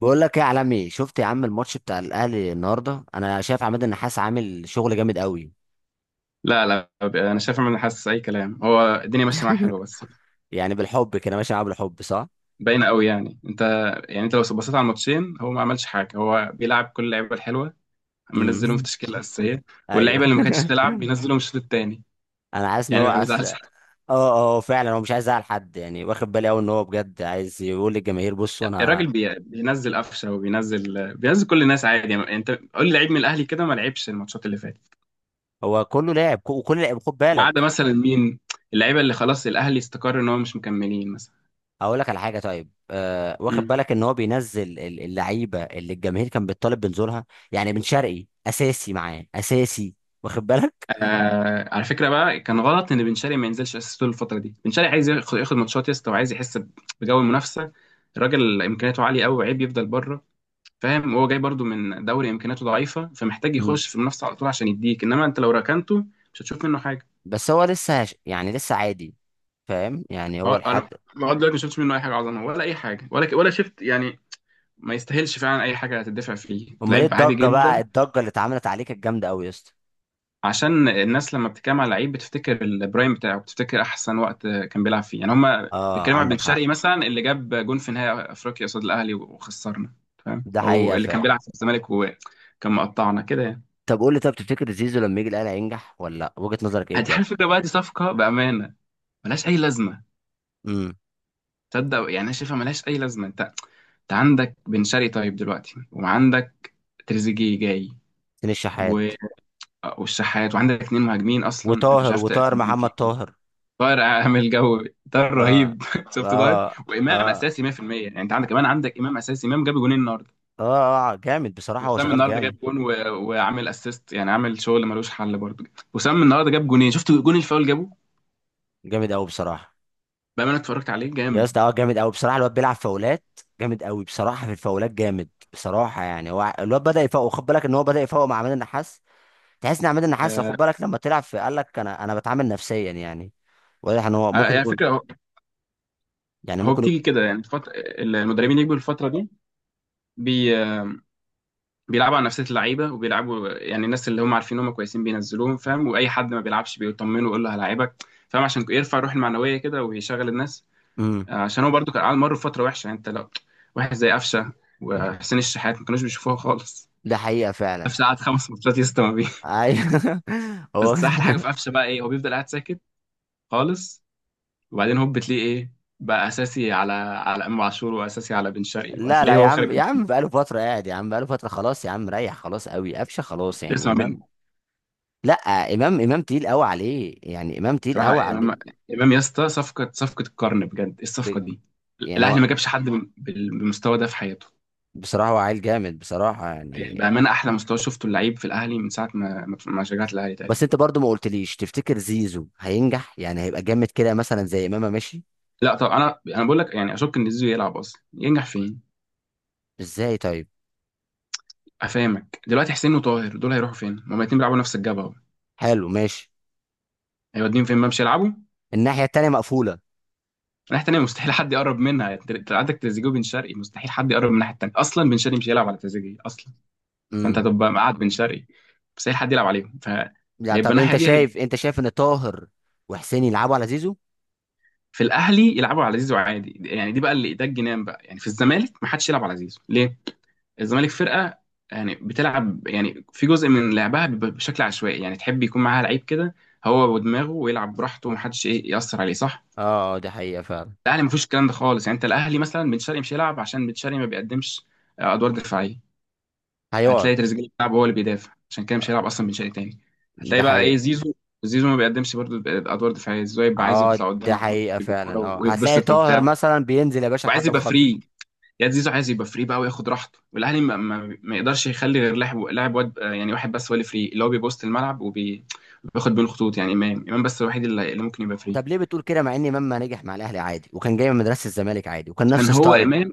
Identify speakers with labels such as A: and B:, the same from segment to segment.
A: بقول لك ايه يا عالمي؟ شفت يا عم الماتش بتاع الاهلي النهارده؟ انا شايف عماد النحاس عامل شغل جامد قوي.
B: لا، لا، انا شايف ان انا حاسس اي كلام. هو الدنيا ماشيه معاه حلوه بس،
A: يعني بالحب كده ماشي معاه، بالحب، صح.
B: باينه قوي. يعني انت، يعني انت لو بصيت على الماتشين، هو ما عملش حاجه. هو بيلعب كل اللعيبه الحلوه، منزلهم في
A: امم
B: التشكيله الاساسيه،
A: ايوه.
B: واللعيبه اللي ما كانتش تلعب بينزلهم الشوط الثاني،
A: انا حاسس ان هو
B: يعني ما
A: عايز.
B: بيزعلش
A: اه
B: حد.
A: اه فعلا هو مش عايز يزعل حد، يعني واخد بالي قوي ان هو بجد عايز يقول للجماهير بصوا انا.
B: الراجل بينزل قفشه، وبينزل كل الناس عادي. يعني انت قول لي لعيب من الاهلي كده ما لعبش الماتشات اللي فاتت،
A: هو كله لعب، وكل لعب، خد
B: ما عدا
A: بالك.
B: مثلا مين؟ اللعيبه اللي خلاص الاهلي استقر ان هم مش مكملين مثلا.
A: هقول لك على حاجه. طيب، واخد بالك ان هو بينزل اللعيبه اللي الجماهير كان بتطالب بنزولها؟ يعني بن شرقي اساسي، معاه اساسي، واخد بالك.
B: آه، على فكره بقى، كان غلط ان بن شرقي ما ينزلش اساسي طول الفتره دي. بن شرقي عايز ياخد ماتشات يا اسطى، وعايز يحس بجو المنافسه. الراجل امكانياته عاليه قوي، وعيب يفضل بره، فاهم؟ وهو جاي برضو من دوري امكانياته ضعيفه، فمحتاج يخش في المنافسه على طول عشان يديك. انما انت لو ركنته مش هتشوف منه حاجه.
A: بس هو يعني لسه عادي. فاهم يعني، هو لحد.
B: انا لغايه دلوقتي ما شفتش منه اي حاجه عظمه، ولا اي حاجه، ولا شفت يعني. ما يستاهلش فعلا اي حاجه هتدفع فيه،
A: امال ايه
B: لعيب عادي
A: الضجه بقى،
B: جدا.
A: الضجه اللي اتعملت عليه كانت جامده قوي يا اسطى.
B: عشان الناس لما بتتكلم على لعيب بتفتكر البرايم بتاعه، بتفتكر احسن وقت كان بيلعب فيه. يعني هما
A: اه
B: بيتكلموا على بن
A: عندك حق.
B: شرقي مثلا اللي جاب جون في نهائي افريقيا قصاد الاهلي وخسرنا، فاهم؟
A: ده
B: او
A: حقيقه
B: اللي كان
A: فعلا.
B: بيلعب في الزمالك وكان مقطعنا كده يعني.
A: طب قول لي، طب تفتكر زيزو لما يجي الاهلي هينجح ولا لا؟ وجهه نظرك ايه
B: هتحل
A: بجد؟
B: الفكره بقى، دي صفقه بامانه ملهاش اي لازمه.
A: امم
B: تصدق يعني انا شايفها ملهاش اي لازمه. انت، انت عندك بن شرقي طيب دلوقتي، وعندك تريزيجيه جاي
A: حسين
B: و...
A: الشحات.
B: والشحات، وعندك اتنين مهاجمين اصلا انت مش
A: وطاهر،
B: عارف
A: وطاهر،
B: تأثير مين
A: محمد
B: فيهم.
A: طاهر.
B: طاهر عامل جو، طاهر
A: اه.
B: رهيب. شفت طاهر؟
A: اه
B: وامام
A: اه
B: اساسي 100%. يعني انت عندك كمان، عندك امام اساسي، امام جاب جونين النهارده.
A: اه. جامد بصراحه، هو
B: وسام
A: شغال
B: النهارده
A: جامد.
B: جاب جون وعامل اسيست، يعني عامل شغل ملوش حل برضه. وسام النهارده جاب جونين، شفت جون الفاول جابه؟
A: جامد قوي بصراحه
B: بقى انا اتفرجت عليه
A: يا اسطى.
B: جامد.
A: اه جامد قوي بصراحه، الواد بيلعب فاولات جامد قوي بصراحه، في الفاولات جامد بصراحه. يعني هو الواد بدا يفوق، خد بالك ان هو بدا يفوق مع عماد النحاس. تحس ان عماد النحاس خد
B: آه...
A: بالك لما طلع في قال لك انا بتعامل نفسيا يعني. واضح ان هو ممكن
B: يعني
A: يكون،
B: فكره،
A: يعني
B: هو
A: ممكن يكون.
B: بتيجي كده. يعني المدربين يجوا الفتره دي، بي... بيلعبوا على نفسيه اللعيبه، وبيلعبوا يعني الناس اللي هم عارفين هم كويسين بينزلوهم، فاهم؟ واي حد ما بيلعبش بيطمنه ويقول له هلاعبك، فاهم؟ عشان يرفع الروح المعنويه كده ويشغل الناس.
A: امم
B: عشان هو برضو كان قاعد مر بفتره وحشه. يعني انت لو واحد زي قفشه وحسين الشحات ما كانوش بيشوفوها خالص،
A: ده حقيقه فعلا.
B: قفشه قعد خمس ماتشات يسطا ما بيه.
A: ايوه. هو
B: بس احلى حاجه في قفشه بقى ايه؟ هو بيفضل قاعد ساكت خالص، وبعدين هوب بتلاقيه ايه؟ بقى اساسي على امام عاشور، واساسي على بن شرقي،
A: لا
B: وهتلاقيه
A: يا
B: هو
A: عم،
B: خارج.
A: يا عم بقاله فتره قاعد، يا عم بقاله فتره، خلاص يا عم، ريح خلاص قوي قفشه خلاص، يعني
B: اسمع مني.
A: امام. لا، امام تقيل قوي عليه، يعني امام تقيل
B: صراحه
A: قوي عليه.
B: امام، امام يا اسطى، صفقه، صفقه القرن بجد. ايه
A: ب...
B: الصفقه دي؟
A: يعني
B: الاهلي
A: هو
B: ما جابش حد بالمستوى ده في حياته.
A: بصراحه هو عيل جامد بصراحه
B: يعني
A: يعني.
B: بامانه احلى مستوى شفته اللعيب في الاهلي من ساعه ما شجعت الاهلي
A: بس
B: تقريبا.
A: انت برضو ما قلتليش، تفتكر زيزو هينجح؟ يعني هيبقى جامد كده مثلا زي امام؟ ماشي.
B: لا طب، انا بقول لك، يعني اشك ان زيزو يلعب اصلا، ينجح فين؟
A: ازاي طيب؟
B: افهمك دلوقتي، حسين وطاهر دول هيروحوا فين؟ ما هما الاتنين بيلعبوا نفس الجبهه اهو،
A: حلو ماشي.
B: هيوديهم فين ما مش يلعبوا.
A: الناحية التانية مقفولة.
B: الناحيه التانيه مستحيل حد يقرب منها. يعني عندك تريزيجيه وبن شرقي، مستحيل حد يقرب من الناحيه التانيه اصلا، بن شرقي مش هيلعب على تريزيجيه اصلا. فانت
A: امم
B: هتبقى قاعد بن شرقي مستحيل حد يلعب عليهم،
A: لا
B: فهيبقى
A: طب
B: الناحيه
A: انت
B: دي هيبقى.
A: شايف، انت شايف ان طاهر وحسين يلعبوا على زيزو.
B: في الاهلي يلعبوا على زيزو عادي يعني؟ دي بقى اللي ده الجنان بقى. يعني في الزمالك ما حدش يلعب على زيزو ليه؟ الزمالك فرقه يعني بتلعب، يعني في جزء من لعبها بيبقى بشكل عشوائي، يعني تحب يكون معاها لعيب كده هو ودماغه ويلعب براحته، ومحدش ايه يأثر عليه، صح.
A: اه، آه، ده حقيقة فعلا.
B: الاهلي مفيش الكلام ده خالص. يعني انت الاهلي مثلا بن شرقي مش هيلعب عشان بن شرقي ما بيقدمش ادوار دفاعيه.
A: هيقعد.
B: هتلاقي تريزيجيه بيلعب هو اللي بيدافع، عشان كده مش هيلعب اصلا بن شرقي تاني.
A: ده
B: هتلاقي بقى ايه؟
A: حقيقة.
B: زيزو. زيزو، ما بيقدمش برضه ادوار دفاعيه. زيزو يبقى عايز
A: اه
B: يطلع
A: ده
B: قدام
A: حقيقة فعلا.
B: بالكوره
A: اه هتلاقي
B: ويتبسط
A: طاهر
B: وبتاع،
A: مثلا بينزل يا باشا
B: وعايز
A: لحد
B: يبقى
A: الخط.
B: فري. يا زيزو، عايز يبقى فري بقى وياخد راحته، والاهلي ما يقدرش يخلي غير لاعب، لاعب واد. يعني واحد بس هو اللي فري، اللي هو بيبوست الملعب وبياخد بين الخطوط. يعني امام، امام بس الوحيد اللي ممكن يبقى فري.
A: طب ليه بتقول كده؟ مع ان امام ما نجح مع الاهلي عادي، وكان جاي من مدرسة الزمالك عادي، وكان نفس
B: كان هو
A: ستايل.
B: امام.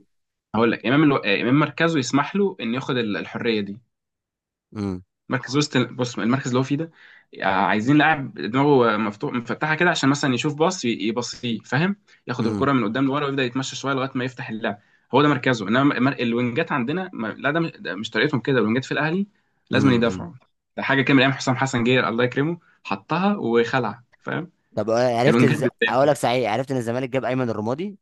B: هقول لك امام الو... آه، امام مركزه يسمح له انه ياخد الحريه دي.
A: امم
B: مركز وسط، بص المركز اللي هو فيه ده، عايزين لاعب دماغه مفتوح، مفتحه كده، عشان مثلا يشوف باص يبصيه، فاهم؟ ياخد
A: امم
B: الكره من قدام لورا ويبدا يتمشى شويه لغايه ما يفتح اللعب. هو ده مركزه. انما الوينجات عندنا، لا، ده مش، ده مش طريقتهم كده، الوينجات في الاهلي لازم
A: امم
B: يدافعوا. ده حاجه كان من ايام حسام حسن، جير الله يكرمه، حطها وخلع، فاهم؟
A: طب، عرفت
B: الوينجات
A: اقول
B: بتدافع.
A: لك صحيح، عرفت ان الزمالك جاب ايمن الرمادي؟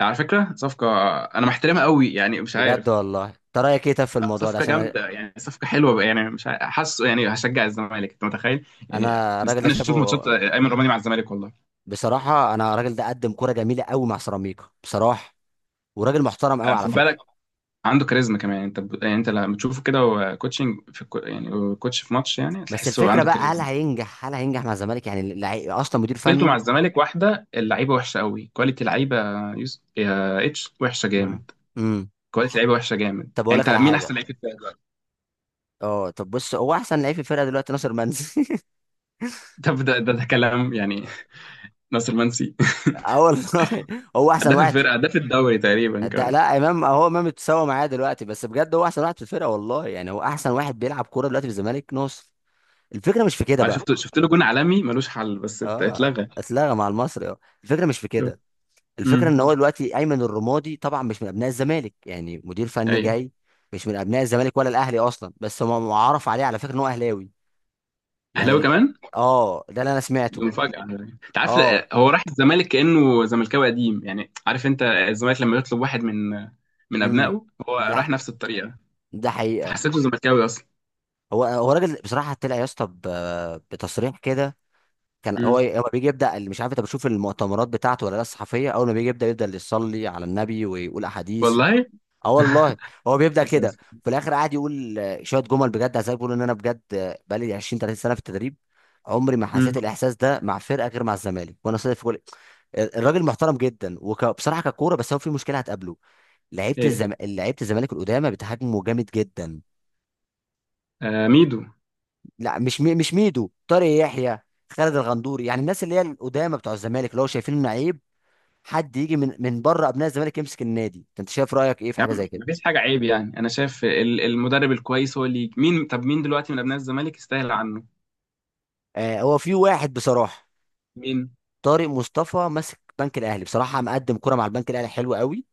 B: على فكره صفقه، انا محترمها قوي، يعني مش
A: بجد
B: عارف.
A: والله، انت رايك ايه طب في
B: لا،
A: الموضوع ده؟
B: صفقة
A: عشان انا،
B: جامدة، يعني صفقة حلوة، يعني مش حاسه يعني هشجع الزمالك، انت متخيل؟ يعني
A: أنا الراجل ده
B: مستني اشوف
A: شايفه
B: ماتشات ايمن رمادي مع الزمالك والله.
A: بصراحه. انا الراجل ده قدم كوره جميله قوي مع سيراميكا بصراحه، وراجل محترم قوي على
B: خد بالك،
A: فكره.
B: عنده كاريزما كمان. انت يعني انت لما تشوفه كده هو كوتشنج في يعني هو كوتش في ماتش، يعني
A: بس
B: تحسه
A: الفكره
B: عنده
A: بقى، هل
B: كاريزما.
A: هينجح، هل هينجح مع الزمالك؟ يعني اللعيب اصلا مدير
B: مشكلته مع
A: فني.
B: الزمالك واحدة، اللعيبة وحشة قوي، كواليتي لعيبة يا اتش وحشة
A: مم.
B: جامد.
A: امم
B: كواليتي لعيبة وحشة جامد.
A: طب اقول
B: يعني
A: لك
B: انت
A: على
B: مين احسن
A: حاجه.
B: لعيب في الفرقة دلوقتي؟
A: اه طب بص، هو احسن لعيب في الفرقه دلوقتي ناصر منسي.
B: ده كلام يعني. ناصر منسي.
A: اه والله، هو احسن
B: هداف
A: واحد.
B: الفرقة، هداف الدوري تقريبا
A: ده
B: كمان.
A: لا، امام، هو امام اتساوى معايا دلوقتي، بس بجد هو احسن واحد في الفرقه والله، يعني هو احسن واحد بيلعب كوره دلوقتي في الزمالك، ناصر. الفكره مش في كده
B: انا
A: بقى.
B: شفت له جون عالمي ملوش حل، بس
A: اه،
B: اتلغى.
A: اتلغى مع المصري. اه، الفكره مش في كده. الفكره ان
B: امم.
A: هو دلوقتي ايمن الرمادي طبعا مش من ابناء الزمالك، يعني مدير فني
B: ايوه.
A: جاي، مش من ابناء الزمالك ولا الاهلي اصلا، بس هم معرف عليه على فكره ان هو اهلاوي، يعني
B: اهلاوي كمان.
A: اه ده اللي انا
B: دي
A: سمعته.
B: مفاجاه على فكرة. انت عارف،
A: اه.
B: هو راح الزمالك كانه زملكاوي قديم. يعني عارف انت الزمالك لما يطلب واحد من
A: امم
B: ابنائه، هو
A: ده
B: راح نفس الطريقه،
A: ده حقيقه.
B: فحسيته زملكاوي اصلا.
A: هو، هو راجل بصراحه طلع يا اسطى بتصريح كده. كان هو،
B: امم.
A: هو بيجي يبدا، مش عارف انت بتشوف المؤتمرات بتاعته ولا لا، الصحفيه، اول ما بيجي يبدا، يصلي على النبي ويقول احاديث.
B: والله.
A: اه والله. هو بيبدا كده.
B: اساسا.
A: في الاخر قاعد يقول، شويه جمل بجد، عايز بيقول ان انا بجد، بقالي 20 30 سنه في التدريب، عمري ما
B: امم.
A: حسيت الاحساس ده مع فرقه غير مع الزمالك، وانا صادق في كل. الراجل محترم جدا وبصراحه ككوره، بس هو في مشكله هتقابله.
B: ايه؟
A: لعيبه الزمالك القدامى بتهاجمه جامد جدا.
B: آه، ميدو.
A: لا مش مش ميدو، طارق يحيى، خالد الغندوري، يعني الناس اللي هي القدامى بتوع الزمالك، اللي هو شايفين انه عيب حد يجي من من بره ابناء الزمالك يمسك النادي. انت شايف رايك ايه في
B: يا
A: حاجه
B: عم
A: زي كده؟
B: مفيش حاجه عيب. يعني انا شايف المدرب الكويس هو اللي مين، طب مين دلوقتي من ابناء الزمالك يستاهل عنه؟
A: آه، هو في واحد بصراحه،
B: مين؟
A: طارق مصطفى ماسك بنك الاهلي، بصراحه مقدم كرة مع البنك الاهلي حلو قوي،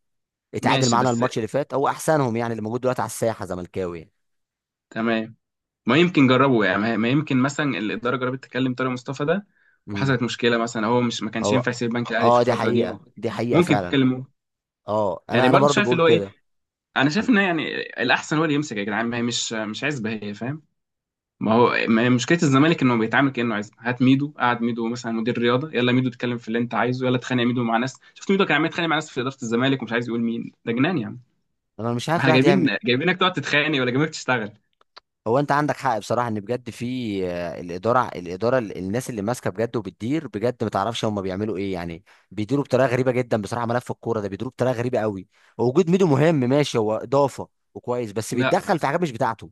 A: اتعادل
B: ماشي.
A: معانا
B: بس
A: الماتش اللي فات. هو احسنهم يعني اللي موجود دلوقتي على الساحه زملكاوي يعني.
B: تمام. ما يمكن جربوا، يعني ما يمكن مثلا الاداره جربت تكلم طارق مصطفى ده،
A: امم
B: وحصلت مشكله مثلا، هو مش، ما كانش
A: هو
B: ينفع يسيب البنك الاهلي في
A: اه، دي
B: الفتره دي.
A: حقيقه، دي حقيقه
B: ممكن يكون
A: فعلا.
B: كلموه.
A: اه انا،
B: يعني
A: انا
B: برضه
A: برضو
B: شايف
A: بقول
B: اللي هو ايه.
A: كده.
B: انا شايف
A: انا،
B: ان يعني الاحسن هو اللي يمسك يا جدعان، ما هي مش عزبه هي، فاهم؟ ما هو، ما هي مشكله الزمالك انه بيتعامل كانه عزبه. هات ميدو، قعد ميدو مثلا مدير رياضه، يلا ميدو اتكلم في اللي انت عايزه، يلا اتخانق يا ميدو مع ناس. شفت ميدو كان عمال يتخانق مع ناس في اداره الزمالك، ومش عايز يقول مين. ده جنان يعني.
A: أنا مش عارف
B: واحنا
A: الواحد
B: جايبين،
A: يعمل.
B: جايبينك تقعد تتخانق، ولا جايبينك تشتغل؟
A: هو انت عندك حق بصراحه، ان بجد في الاداره، الناس اللي ماسكه بجد وبتدير بجد، ما تعرفش هم بيعملوا ايه يعني. بيديروا بطريقه غريبه جدا بصراحه، ملف الكوره ده بيديروا بطريقه غريبه قوي. وجود ميدو مهم، ماشي هو اضافه وكويس، بس
B: ما
A: بيتدخل في حاجات مش بتاعته.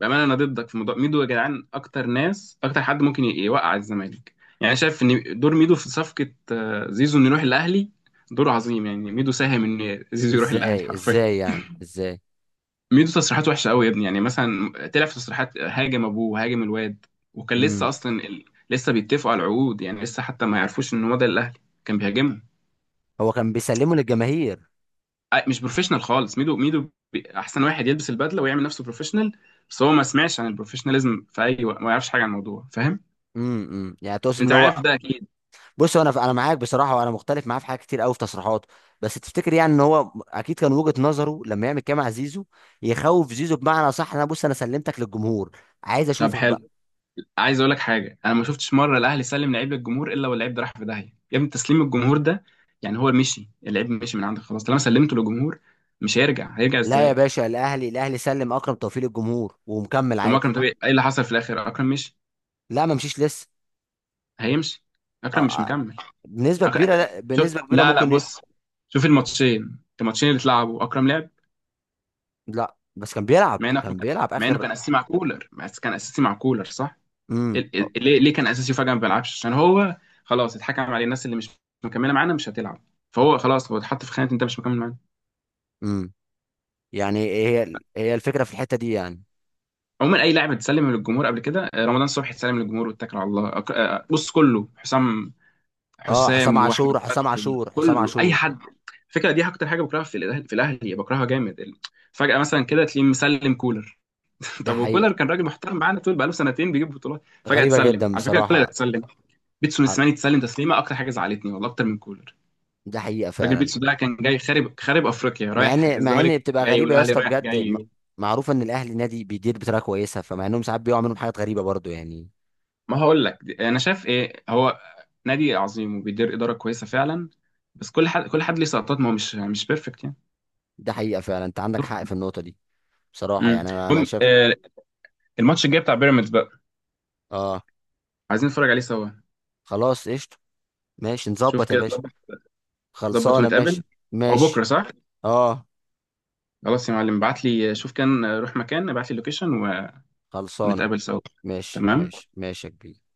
B: بامانه انا ضدك في موضوع ميدو يا جدعان، اكتر ناس، اكتر حد ممكن يوقع الزمالك. يعني أنا شايف ان دور ميدو في صفقه زيزو، انه يروح الاهلي، دور عظيم. يعني ميدو ساهم ان زيزو يروح الاهلي
A: ازاي،
B: حرفيا.
A: ازاي يعني، ازاي؟
B: ميدو تصريحاته وحشه قوي يا ابني. يعني مثلا طلع في تصريحات هاجم ابوه وهاجم الواد، وكان لسه
A: امم
B: اصلا لسه بيتفقوا على العقود، يعني لسه حتى ما يعرفوش ان هو ده الاهلي، كان بيهاجمهم.
A: هو كان بيسلمه للجماهير.
B: مش بروفيشنال خالص ميدو. ميدو، احسن واحد يلبس البدله ويعمل نفسه بروفيشنال، بس هو ما سمعش عن البروفيشناليزم في اي وقت، ما يعرفش حاجه عن الموضوع، فاهم؟
A: إمم. يعني تقصد ان
B: انت عارف
A: هو،
B: ده اكيد.
A: بص هو انا، انا معاك بصراحه، وانا مختلف معاه في حاجات كتير قوي في تصريحاته، بس تفتكر يعني ان هو اكيد كان وجهه نظره لما يعمل كده مع زيزو يخوف زيزو، بمعنى صح انا بص انا سلمتك للجمهور، عايز
B: طب
A: اشوفك بقى.
B: حلو. عايز اقول لك حاجه. انا ما شفتش مره الاهلي سلم لعيب للجمهور الا واللعيب ده راح في داهيه يا ابني. تسليم الجمهور ده، يعني هو مشي، اللعيب مشي من عندك خلاص طالما سلمته للجمهور، مش هيرجع. هيرجع
A: لا يا
B: ازاي؟
A: باشا، الاهلي، الاهلي سلم اكرم توفيق للجمهور ومكمل
B: طب، ما اكرم
A: عادي.
B: طبيعي، ايه اللي حصل في الاخر؟ اكرم مشي.
A: لا ما مشيش لسه.
B: هيمشي. اكرم مش
A: آه، آه،
B: مكمل.
A: بنسبه كبيره، لا
B: شوف،
A: بنسبه كبيره
B: لا، لا،
A: ممكن
B: بص، شوف الماتشين، الماتشين اللي اتلعبوا اكرم لعب،
A: لا بس كان بيلعب،
B: مع انه
A: كان بيلعب
B: مع انه
A: اخر.
B: كان اساسي مع كولر. بس كان اساسي مع كولر صح؟
A: امم
B: ليه كان اساسي وفجاه ما بيلعبش؟ عشان هو خلاص اتحكم عليه، الناس اللي مش مكمله معانا مش هتلعب، فهو خلاص، هو اتحط في خانه انت مش مكمل معانا.
A: امم يعني إيه هي، هي الفكرة في الحتة دي يعني؟
B: عموما اي لاعب اتسلم للجمهور قبل كده، رمضان صبحي اتسلم للجمهور واتكل على الله. بص كله، حسام،
A: اه، حسام
B: حسام واحمد
A: عاشور حسام
B: فتحي،
A: عاشور حسام
B: كله اي
A: عاشور.
B: حد. الفكره دي اكتر حاجه بكرهها في الاهلي، في الاهلي بكرهها جامد فجاه مثلا كده تلاقيه مسلم كولر.
A: ده
B: طب،
A: حقيقة.
B: وكولر كان راجل محترم معانا طول بقاله سنتين بيجيب بطولات، فجاه
A: غريبة
B: اتسلم.
A: جدا
B: على فكره كولر
A: بصراحة.
B: اتسلم. بيتسون
A: عر-
B: السماني اتسلم تسليمه اكتر حاجه زعلتني والله، اكتر من كولر.
A: ده حقيقة
B: راجل
A: فعلا.
B: بيتسو ده كان جاي خارب خارب افريقيا،
A: مع
B: رايح
A: ان، مع
B: الزمالك
A: ان بتبقى
B: جاي،
A: غريبة يا
B: والاهلي
A: اسطى
B: رايح
A: بجد،
B: جاي.
A: معروف ان الاهلي نادي بيدير بطريقة كويسة، فمع انهم ساعات بيقعوا منهم حاجات غريبة برضو يعني.
B: ما هقول لك، انا شايف ايه، هو نادي عظيم وبيدير اداره كويسه فعلا، بس كل حد، كل حد ليه سقطات. ما هو مش بيرفكت يعني.
A: ده حقيقة فعلا، انت عندك حق في النقطة دي بصراحة.
B: امم.
A: يعني انا، انا
B: المهم،
A: شايف.
B: الماتش الجاي بتاع بيراميدز بقى
A: اه
B: عايزين نتفرج عليه سوا.
A: خلاص قشطة. ماشي
B: شوف
A: نظبط يا
B: كده
A: باشا.
B: ظبط. ظبط
A: خلصانة. ماشي
B: ونتقابل. هو بكره
A: ماشي.
B: صح؟
A: اه
B: خلاص يا معلم، ابعت لي، شوف، كان آه، روح مكان، ابعت لي اللوكيشن
A: خلصانة.
B: ونتقابل سوا.
A: ماشي
B: تمام
A: ماشي ماشي يا كبير.